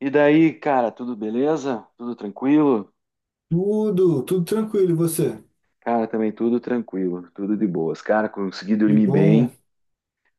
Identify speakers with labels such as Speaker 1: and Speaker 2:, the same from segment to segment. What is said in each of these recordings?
Speaker 1: E daí, cara, tudo beleza? Tudo tranquilo?
Speaker 2: Tudo, tudo tranquilo, e você?
Speaker 1: Cara, também tudo tranquilo, tudo de boas. Cara, consegui
Speaker 2: Que
Speaker 1: dormir bem.
Speaker 2: bom.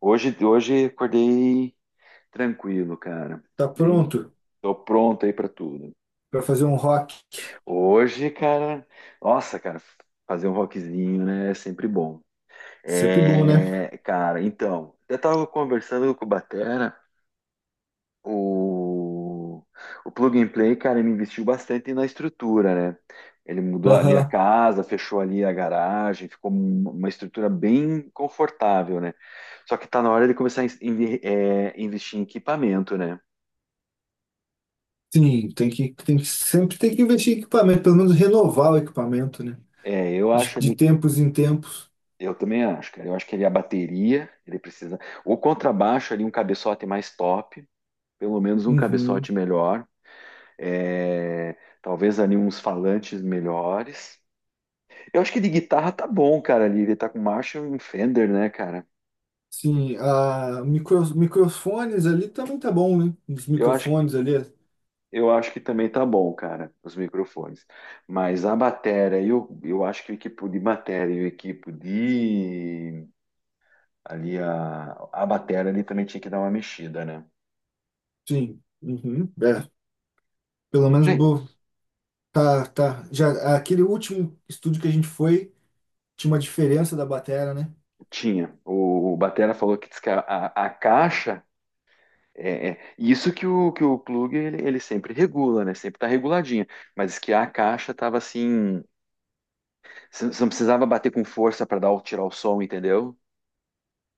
Speaker 1: Hoje acordei tranquilo, cara.
Speaker 2: Tá
Speaker 1: Bem,
Speaker 2: pronto
Speaker 1: tô pronto aí pra tudo.
Speaker 2: para fazer um rock?
Speaker 1: Hoje, cara, nossa, cara, fazer um rockzinho, né, é sempre bom.
Speaker 2: Sempre bom, né?
Speaker 1: É, cara, então, eu tava conversando com o Batera. O, o Plug and Play, cara, ele investiu bastante na estrutura, né? Ele mudou ali a
Speaker 2: Aham.
Speaker 1: casa, fechou ali a garagem, ficou uma estrutura bem confortável, né? Só que tá na hora de começar a investir em equipamento, né?
Speaker 2: Sim, tem que sempre tem que investir em equipamento, pelo menos renovar o equipamento, né?
Speaker 1: É, eu
Speaker 2: De,
Speaker 1: acho
Speaker 2: de
Speaker 1: ali,
Speaker 2: tempos em tempos.
Speaker 1: eu também acho, cara. Eu acho que ali a bateria, ele precisa. O contrabaixo ali, um cabeçote mais top, pelo menos um
Speaker 2: Uhum.
Speaker 1: cabeçote melhor. É, talvez ali uns falantes melhores. Eu acho que de guitarra tá bom, cara, ali. Ele tá com Marshall e Fender, né, cara?
Speaker 2: Sim, a microfones ali também tá bom, né? Os
Speaker 1: Eu acho,
Speaker 2: microfones ali,
Speaker 1: eu acho que também tá bom, cara, os microfones. Mas a bateria, eu acho que o equipo de bateria e o equipo de... Ali, a bateria ali também tinha que dar uma mexida, né?
Speaker 2: sim. Uhum. É, pelo menos
Speaker 1: Gente,
Speaker 2: bo- tá, tá. Já aquele último estúdio que a gente foi tinha uma diferença da bateria, né?
Speaker 1: tinha. O batera falou que diz que a caixa... Isso que o plug ele sempre regula, né? Sempre tá reguladinha. Mas diz que a caixa tava assim... Você não precisava bater com força para tirar o som, entendeu?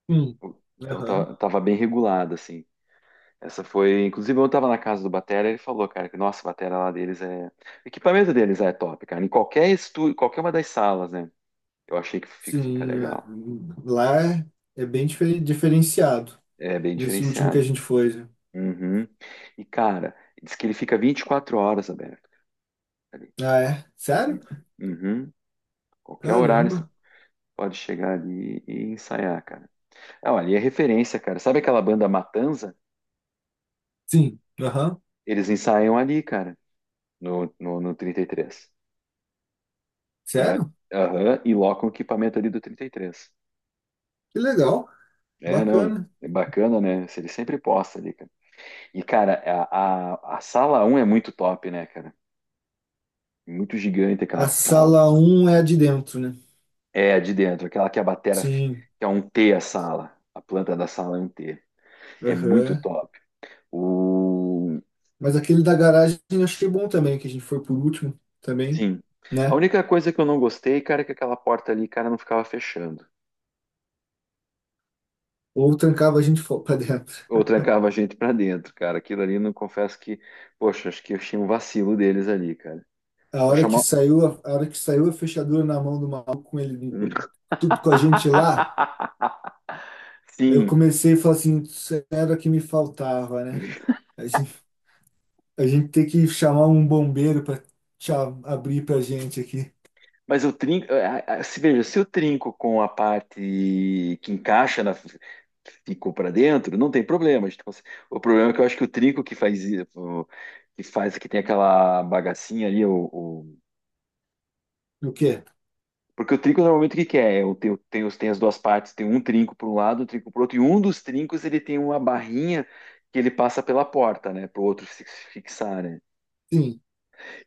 Speaker 2: Sim.
Speaker 1: Então
Speaker 2: Aham.
Speaker 1: tava bem regulado, assim. Essa foi. Inclusive, eu tava na casa do Batera, ele falou, cara, que nossa, a batera lá deles é. O equipamento deles é top, cara. Em qualquer estúdio, qualquer uma das salas, né? Eu achei que fica
Speaker 2: Sim, é.
Speaker 1: legal.
Speaker 2: Lá é, é bem diferenciado.
Speaker 1: É bem
Speaker 2: Nesse último que a
Speaker 1: diferenciado.
Speaker 2: gente foi, né?
Speaker 1: Uhum. E, cara, diz que ele fica 24 horas aberto ali.
Speaker 2: Ah, é? Sério?
Speaker 1: Hum. Uhum. Qualquer horário você
Speaker 2: Caramba.
Speaker 1: pode chegar ali e ensaiar, cara. Ah, ali é referência, cara. Sabe aquela banda Matanza?
Speaker 2: Sim. Aham.
Speaker 1: Eles ensaiam ali, cara. No 33. E, três. E,
Speaker 2: Sério?
Speaker 1: aham, e loca o equipamento ali do 33.
Speaker 2: Que legal.
Speaker 1: É, não,
Speaker 2: Bacana.
Speaker 1: é bacana, né? Se ele sempre posta ali, cara. E, cara, a sala um é muito top, né, cara? Muito gigante aquela
Speaker 2: A
Speaker 1: sala.
Speaker 2: sala um é a de dentro, né?
Speaker 1: É, a de dentro, aquela que a batera,
Speaker 2: Sim.
Speaker 1: que é um T a sala. A planta da sala é um T. É muito
Speaker 2: Aham.
Speaker 1: top. O...
Speaker 2: Mas aquele da garagem eu achei bom também, que a gente foi por último também,
Speaker 1: Sim. A
Speaker 2: né?
Speaker 1: única coisa que eu não gostei, cara, é que aquela porta ali, cara, não ficava fechando.
Speaker 2: Ou trancava a gente pra dentro.
Speaker 1: Ou trancava a gente pra dentro, cara. Aquilo ali, não confesso que, poxa, acho que eu tinha um vacilo deles ali, cara.
Speaker 2: A
Speaker 1: Só
Speaker 2: hora que
Speaker 1: chamar.
Speaker 2: saiu, a hora que saiu a fechadura na mão do maluco com ele, tudo com a gente lá. Eu
Speaker 1: Sim,
Speaker 2: comecei a falar assim, isso era o que me faltava, né? A gente, a gente tem que chamar um bombeiro para abrir para gente aqui.
Speaker 1: mas eu trinco. Se veja, se eu trinco com a parte que encaixa na, que ficou pra dentro, não tem problema. A gente consegue- O problema é que eu acho que o trinco que faz que tem aquela bagacinha ali, o,
Speaker 2: O quê?
Speaker 1: porque o trinco normalmente o que que é? Tem as duas partes, tem um trinco para um lado, um trinco para o outro, e um dos trincos ele tem uma barrinha que ele passa pela porta, né? Para o outro se fixar, né?
Speaker 2: Sim.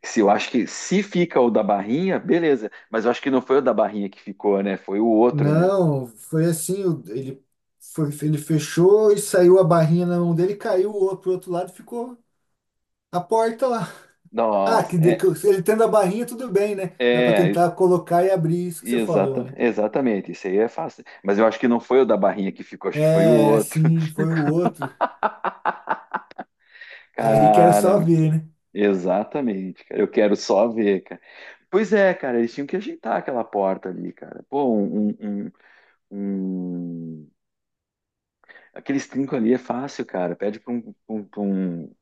Speaker 1: Se eu acho que se fica o da barrinha, beleza, mas eu acho que não foi o da barrinha que ficou, né? Foi o outro, né?
Speaker 2: Não, foi assim, o- ele foi, ele fechou e saiu a barrinha na mão dele, caiu o outro pro outro lado, e ficou a porta lá. Ah,
Speaker 1: Nossa,
Speaker 2: que ele tendo a barrinha tudo bem, né? Dá para
Speaker 1: é,
Speaker 2: tentar colocar e abrir isso que você falou,
Speaker 1: exata,
Speaker 2: né?
Speaker 1: exatamente, isso aí é fácil. Mas eu acho que não foi o da barrinha que ficou, acho que foi o
Speaker 2: É,
Speaker 1: outro.
Speaker 2: assim, foi o outro. Aí que era só
Speaker 1: Cara,
Speaker 2: ver, né?
Speaker 1: exatamente, cara, eu quero só ver, cara. Pois é, cara, eles tinham que ajeitar aquela porta ali, cara. Pô, um, um... aqueles trinco ali é fácil, cara. Pede pra um, um, pra um,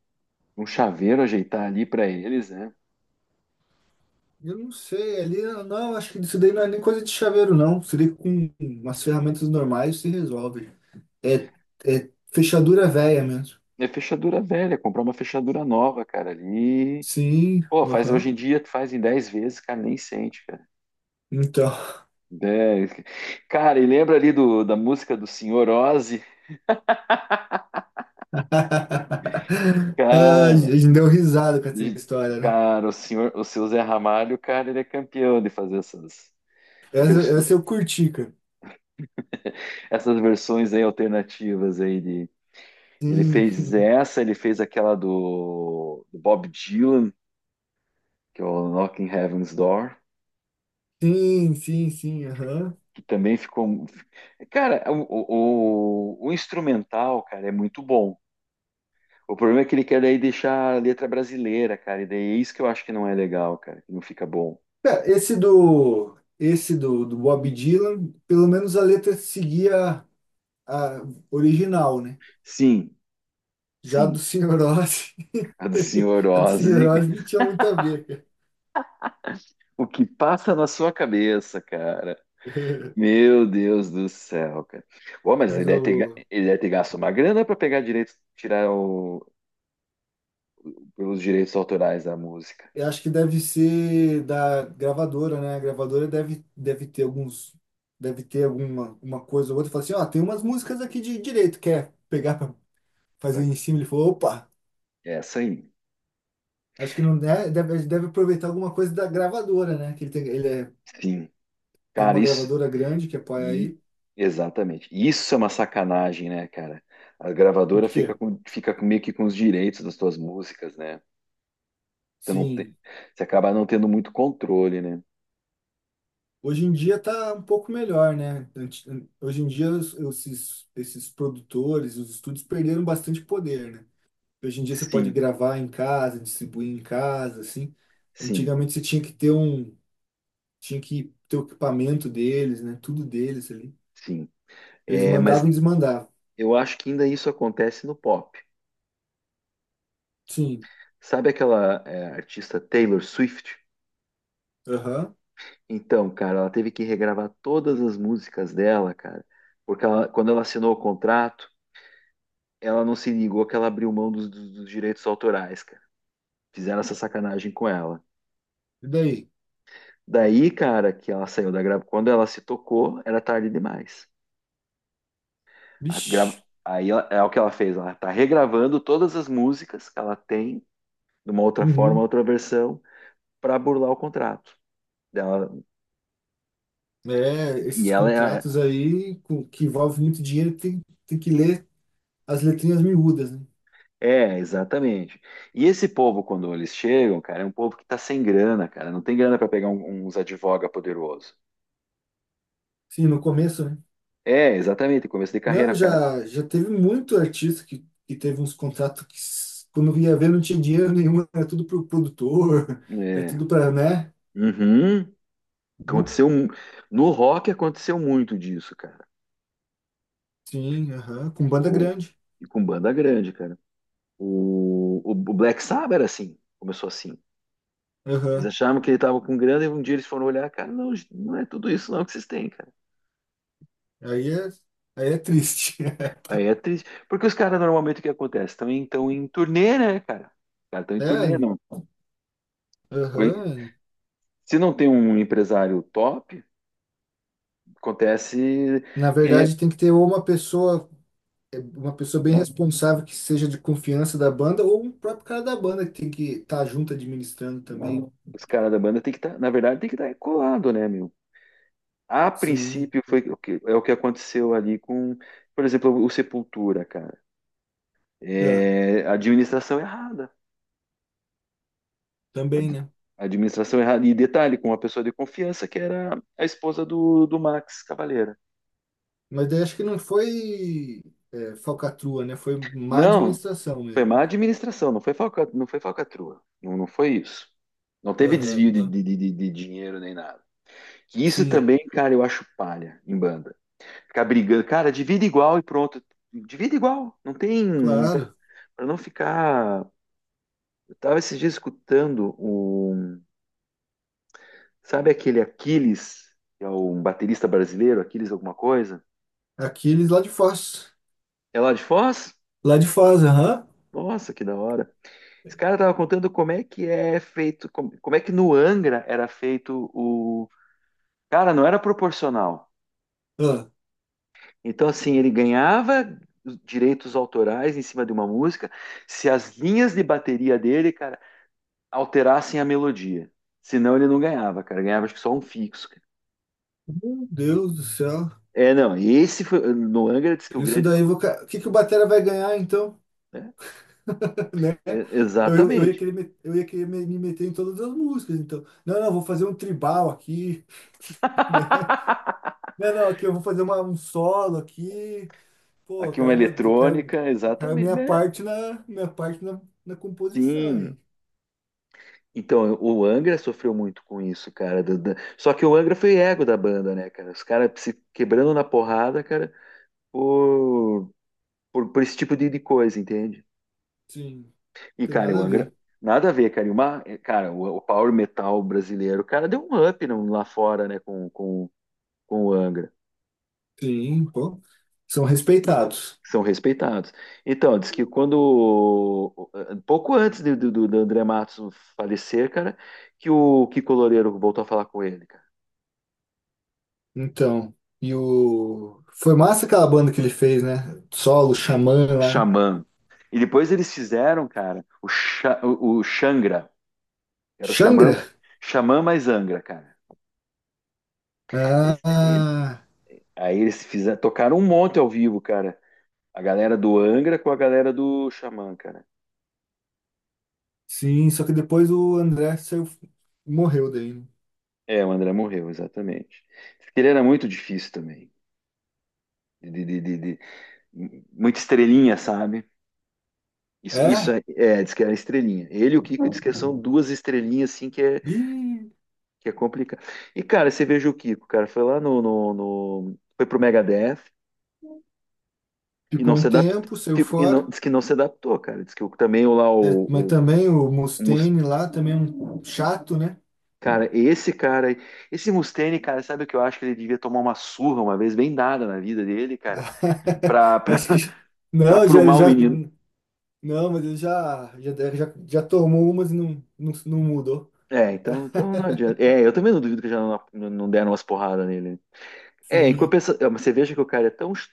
Speaker 1: um chaveiro ajeitar ali pra eles, né?
Speaker 2: Eu não sei, ali não, acho que isso daí não é nem coisa de chaveiro, não. Seria com umas ferramentas normais se resolve. É, é fechadura velha mesmo.
Speaker 1: É fechadura velha, comprar uma fechadura nova, cara, ali.
Speaker 2: Sim,
Speaker 1: Pô, faz hoje
Speaker 2: aham.
Speaker 1: em dia, tu faz em 10 vezes, cara, nem sente, cara.
Speaker 2: Então.
Speaker 1: 10. Cara, e lembra ali da música do Senhor Ozzy?
Speaker 2: Ah, a
Speaker 1: Cara,
Speaker 2: gente deu risada com essa
Speaker 1: de-
Speaker 2: história, né?
Speaker 1: cara, o seu Zé Ramalho, cara, ele é campeão de fazer essas
Speaker 2: Essa,
Speaker 1: versões.
Speaker 2: essa eu curti, cara.
Speaker 1: Essas versões aí alternativas aí de ele
Speaker 2: Sim,
Speaker 1: fez essa, ele fez aquela do Bob Dylan, que é o Knocking Heaven's Door,
Speaker 2: sim, aham.
Speaker 1: que também ficou. Cara, o instrumental, cara, é muito bom. O problema é que ele quer daí deixar a letra brasileira, cara, e daí é isso que eu acho que não é legal, cara, que não fica bom.
Speaker 2: Cara, esse do, do Bob Dylan, pelo menos a letra seguia a original, né?
Speaker 1: Sim,
Speaker 2: Já do
Speaker 1: sim,
Speaker 2: Senhor Oz.
Speaker 1: a do Senhor
Speaker 2: A de
Speaker 1: Ozzy.
Speaker 2: Cirrose não tinha muito a ver, cara.
Speaker 1: O que passa na sua cabeça, cara? Meu Deus do céu, cara. Bom, mas
Speaker 2: Mas o,
Speaker 1: ele deve ter gasto uma grana para pegar direitos, tirar o, pelos direitos autorais da música.
Speaker 2: eu acho que deve ser da gravadora, né? A gravadora deve, deve ter alguns, deve ter alguma uma coisa ou outra. Fala assim, ó, tem umas músicas aqui de direito, quer pegar pra fazer em
Speaker 1: Pra-
Speaker 2: cima? Ele falou, opa,
Speaker 1: Essa aí.
Speaker 2: acho que não deve, deve, deve aproveitar alguma coisa da gravadora, né? Que ele tem, ele é,
Speaker 1: Sim.
Speaker 2: tem
Speaker 1: Cara,
Speaker 2: uma
Speaker 1: isso.
Speaker 2: gravadora grande que apoia
Speaker 1: E,
Speaker 2: aí.
Speaker 1: exatamente. Isso é uma sacanagem, né, cara? A
Speaker 2: O
Speaker 1: gravadora
Speaker 2: quê?
Speaker 1: meio que com os direitos das tuas músicas, né? Você não tem,
Speaker 2: Sim,
Speaker 1: você acaba não tendo muito controle, né?
Speaker 2: hoje em dia tá um pouco melhor, né? Hoje em dia os- esses produtores, os estúdios perderam bastante poder, né? Hoje em dia você pode
Speaker 1: Sim,
Speaker 2: gravar em casa, distribuir em casa, assim.
Speaker 1: sim,
Speaker 2: Antigamente você tinha que ter um, tinha que ter o equipamento deles, né? Tudo deles ali.
Speaker 1: sim.
Speaker 2: Eles
Speaker 1: É, mas
Speaker 2: mandavam e desmandavam.
Speaker 1: eu acho que ainda isso acontece no pop.
Speaker 2: Sim.
Speaker 1: Sabe aquela artista Taylor Swift?
Speaker 2: Aham.
Speaker 1: Então, cara, ela teve que regravar todas as músicas dela, cara, porque quando ela assinou o contrato, ela não se ligou que ela abriu mão dos, dos direitos autorais, cara. Fizeram essa sacanagem com ela.
Speaker 2: E daí?
Speaker 1: Daí, cara, que ela saiu da gravação, quando ela se tocou, era tarde demais. A gra-
Speaker 2: Vixe.
Speaker 1: é o que ela fez, ela tá regravando todas as músicas que ela tem, de uma outra forma,
Speaker 2: Uhum.
Speaker 1: outra versão, para burlar o contrato dela.
Speaker 2: É,
Speaker 1: E
Speaker 2: esses
Speaker 1: ela é.
Speaker 2: contratos aí com- que envolvem muito dinheiro tem, tem que ler as letrinhas miúdas, né?
Speaker 1: É, exatamente. E esse povo, quando eles chegam, cara, é um povo que tá sem grana, cara. Não tem grana para pegar uns advoga poderoso.
Speaker 2: Sim, no começo, né?
Speaker 1: É, exatamente. Começo de
Speaker 2: Não,
Speaker 1: carreira, cara.
Speaker 2: já teve muito artista que teve uns contratos que, s- quando ia ver, não tinha dinheiro nenhum, era tudo pro produtor, era
Speaker 1: É.
Speaker 2: tudo para né?
Speaker 1: Uhum.
Speaker 2: Hum,
Speaker 1: Aconteceu um- no rock aconteceu muito disso, cara.
Speaker 2: sim, aham, com banda
Speaker 1: O-
Speaker 2: grande.
Speaker 1: E com banda grande, cara. O Black Sabbath era assim, começou assim. Eles
Speaker 2: Aham.
Speaker 1: achavam que ele tava com grana e um dia eles foram olhar, cara, não, não é tudo isso não que vocês têm, cara.
Speaker 2: Aí é, aí é triste.
Speaker 1: Aí é triste. Porque os caras normalmente o que acontece? Também estão em turnê, né, cara? Os caras estão em turnê,
Speaker 2: É,
Speaker 1: não.
Speaker 2: aham.
Speaker 1: Se não tem um empresário top, acontece
Speaker 2: Na
Speaker 1: que
Speaker 2: verdade, tem que ter ou uma pessoa, é, uma pessoa bem responsável que seja de confiança da banda, ou um próprio cara da banda que tem que estar junto administrando também.
Speaker 1: os caras da banda tem que estar, na verdade, tem que estar colado, né, meu? A
Speaker 2: Sim,
Speaker 1: princípio foi o que, é o que aconteceu ali com, por exemplo, o Sepultura, cara.
Speaker 2: é,
Speaker 1: É, administração errada.
Speaker 2: também,
Speaker 1: Ad-
Speaker 2: né?
Speaker 1: Administração errada. E detalhe, com uma pessoa de confiança, que era a esposa do Max Cavaleira.
Speaker 2: Mas daí acho que não foi é, falcatrua, né? Foi má
Speaker 1: Não,
Speaker 2: administração
Speaker 1: foi
Speaker 2: mesmo.
Speaker 1: má administração, não foi falcatrua. Não, não foi isso. Não teve desvio de,
Speaker 2: Aham.
Speaker 1: de, de, de de dinheiro nem nada. Que isso
Speaker 2: Sim.
Speaker 1: também, cara, eu acho palha em banda. Ficar brigando, cara, divide igual e pronto. Divide igual, não tem.
Speaker 2: Claro.
Speaker 1: Pra não ficar. Eu tava esses dias escutando o. Sabe aquele Aquiles, que é um baterista brasileiro, Aquiles alguma coisa?
Speaker 2: Aqueles lá de Foz.
Speaker 1: É lá de Foz?
Speaker 2: Lá de Foz, aham.
Speaker 1: Nossa, que da hora. Esse cara tava contando como é que é feito, como é que no Angra era feito o. Cara, não era proporcional.
Speaker 2: Ah,
Speaker 1: Então, assim, ele ganhava direitos autorais em cima de uma música se as linhas de bateria dele, cara, alterassem a melodia. Senão ele não ganhava, cara. Ganhava acho que só um fixo, cara.
Speaker 2: meu Deus do céu.
Speaker 1: É, não, esse foi. No Angra diz que o
Speaker 2: Isso
Speaker 1: grande
Speaker 2: daí, vou... ca- o que que o Batera vai ganhar, então?
Speaker 1: problema, né?
Speaker 2: Né? Eu ia
Speaker 1: Exatamente.
Speaker 2: eu ia querer me meter em todas as músicas, então. Não, não, vou fazer um tribal aqui, né? Não, não, aqui eu vou fazer um solo aqui. Pô,
Speaker 1: Aqui uma eletrônica,
Speaker 2: eu quero
Speaker 1: exatamente,
Speaker 2: minha
Speaker 1: né?
Speaker 2: parte minha parte na, na composição,
Speaker 1: Sim.
Speaker 2: hein?
Speaker 1: Então, o Angra sofreu muito com isso, cara. Só que o Angra foi ego da banda, né, cara? Os caras se quebrando na porrada, cara. por, por esse tipo de coisa, entende?
Speaker 2: Sim,
Speaker 1: E,
Speaker 2: tem
Speaker 1: cara, o
Speaker 2: nada a ver.
Speaker 1: Angra, nada a ver, cara. E uma, cara, o Power Metal brasileiro, cara, deu um up lá fora, né, com o Angra.
Speaker 2: Sim, pô. São respeitados.
Speaker 1: São respeitados. Então, diz que quando, pouco antes do André Matos falecer, cara, que o Kiko Loureiro voltou a falar com ele, cara.
Speaker 2: Então, e o. Foi massa aquela banda que ele fez, né? Solo, Xamã lá, né?
Speaker 1: Xamã. E depois eles fizeram, cara, o Xangra. Era o Xamã,
Speaker 2: Xangra?
Speaker 1: Xamã mais Angra, cara. Eles,
Speaker 2: Ah,
Speaker 1: aí eles fizeram, tocaram um monte ao vivo, cara. A galera do Angra com a galera do Xamã, cara.
Speaker 2: sim, só que depois o André saiu, morreu daí, né?
Speaker 1: É, o André morreu, exatamente. Porque ele era muito difícil também. De, de- de- de- de muita estrelinha, sabe? Isso
Speaker 2: É?
Speaker 1: é, diz que era estrelinha. Ele e o Kiko diz que são duas estrelinhas, assim, que é,
Speaker 2: Ih,
Speaker 1: que é complicado. E, cara, você veja o Kiko, cara, foi lá no, no, no- foi pro Megadeth e
Speaker 2: ficou
Speaker 1: não se
Speaker 2: um
Speaker 1: adaptou.
Speaker 2: tempo, saiu
Speaker 1: E não,
Speaker 2: fora.
Speaker 1: diz que não se adaptou, cara. Diz que também o lá,
Speaker 2: É, mas
Speaker 1: o,
Speaker 2: também o
Speaker 1: o Mus-
Speaker 2: Mustaine lá, também é um chato, né?
Speaker 1: cara, esse cara, esse Mustaine, cara, sabe o que eu acho que ele devia tomar uma surra uma vez bem dada na vida dele, cara, pra, pra,
Speaker 2: Acho que
Speaker 1: pra
Speaker 2: não, já, ele
Speaker 1: aprumar o
Speaker 2: já
Speaker 1: menino.
Speaker 2: não, mas ele já tomou umas e não, não, não mudou.
Speaker 1: É, então não adianta. É, eu também não duvido que já não, não deram umas porradas nele, né? É, em
Speaker 2: Sim,
Speaker 1: compensação, mas você veja que o cara é tão, ch-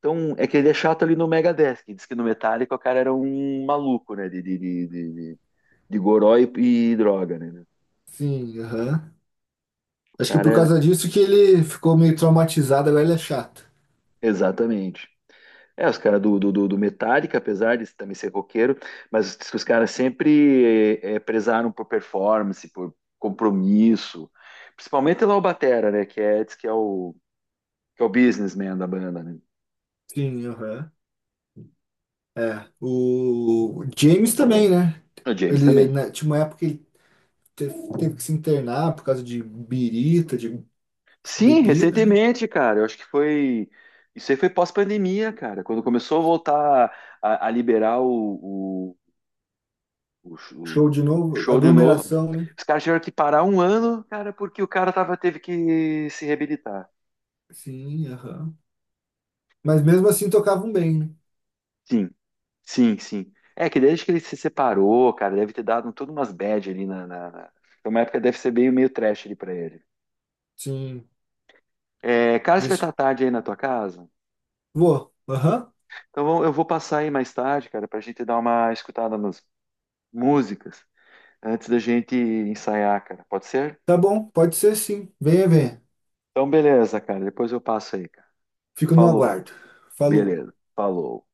Speaker 1: tão. É que ele é chato ali no Megadeth, que diz que no Metallica o cara era um maluco, né, de goró e droga, né?
Speaker 2: sim, aham.
Speaker 1: O
Speaker 2: Acho que
Speaker 1: cara
Speaker 2: por
Speaker 1: era.
Speaker 2: causa disso que ele ficou meio traumatizado, agora ele é chato.
Speaker 1: Exatamente. É, os caras do Metallica, apesar de também ser roqueiro, mas os caras sempre prezaram por performance, por compromisso. Principalmente lá o Batera, né? Que é, diz que é que é o businessman da banda, né?
Speaker 2: Sim, aham. É, o James também, né?
Speaker 1: O James
Speaker 2: Ele
Speaker 1: também.
Speaker 2: né, tinha uma época que ele teve, teve que se internar por causa de birita, de
Speaker 1: Sim,
Speaker 2: bebida, né?
Speaker 1: recentemente, cara, eu acho que foi. Isso aí foi pós-pandemia, cara, quando começou a voltar a liberar o, o, o sh-
Speaker 2: Show
Speaker 1: o
Speaker 2: de novo,
Speaker 1: show de novo.
Speaker 2: aglomeração, né?
Speaker 1: Os caras tiveram que parar um ano, cara, porque o cara teve que se reabilitar.
Speaker 2: Sim, aham. Mas mesmo assim tocavam bem, né?
Speaker 1: Sim. Sim, sim. É que desde que ele se separou, cara, deve ter dado todas umas bad ali Foi uma época que deve ser meio trash ali pra ele.
Speaker 2: Sim.
Speaker 1: É, cara, você vai
Speaker 2: Deixa-
Speaker 1: estar tarde aí na tua casa?
Speaker 2: vou. Aham.
Speaker 1: Então eu vou passar aí mais tarde, cara, pra gente dar uma escutada nas músicas antes da gente ensaiar, cara. Pode ser?
Speaker 2: Tá bom, pode ser sim. Venha, venha.
Speaker 1: Então beleza, cara. Depois eu passo aí, cara.
Speaker 2: Fico no
Speaker 1: Falou.
Speaker 2: aguardo. Falou.
Speaker 1: Beleza. Falou.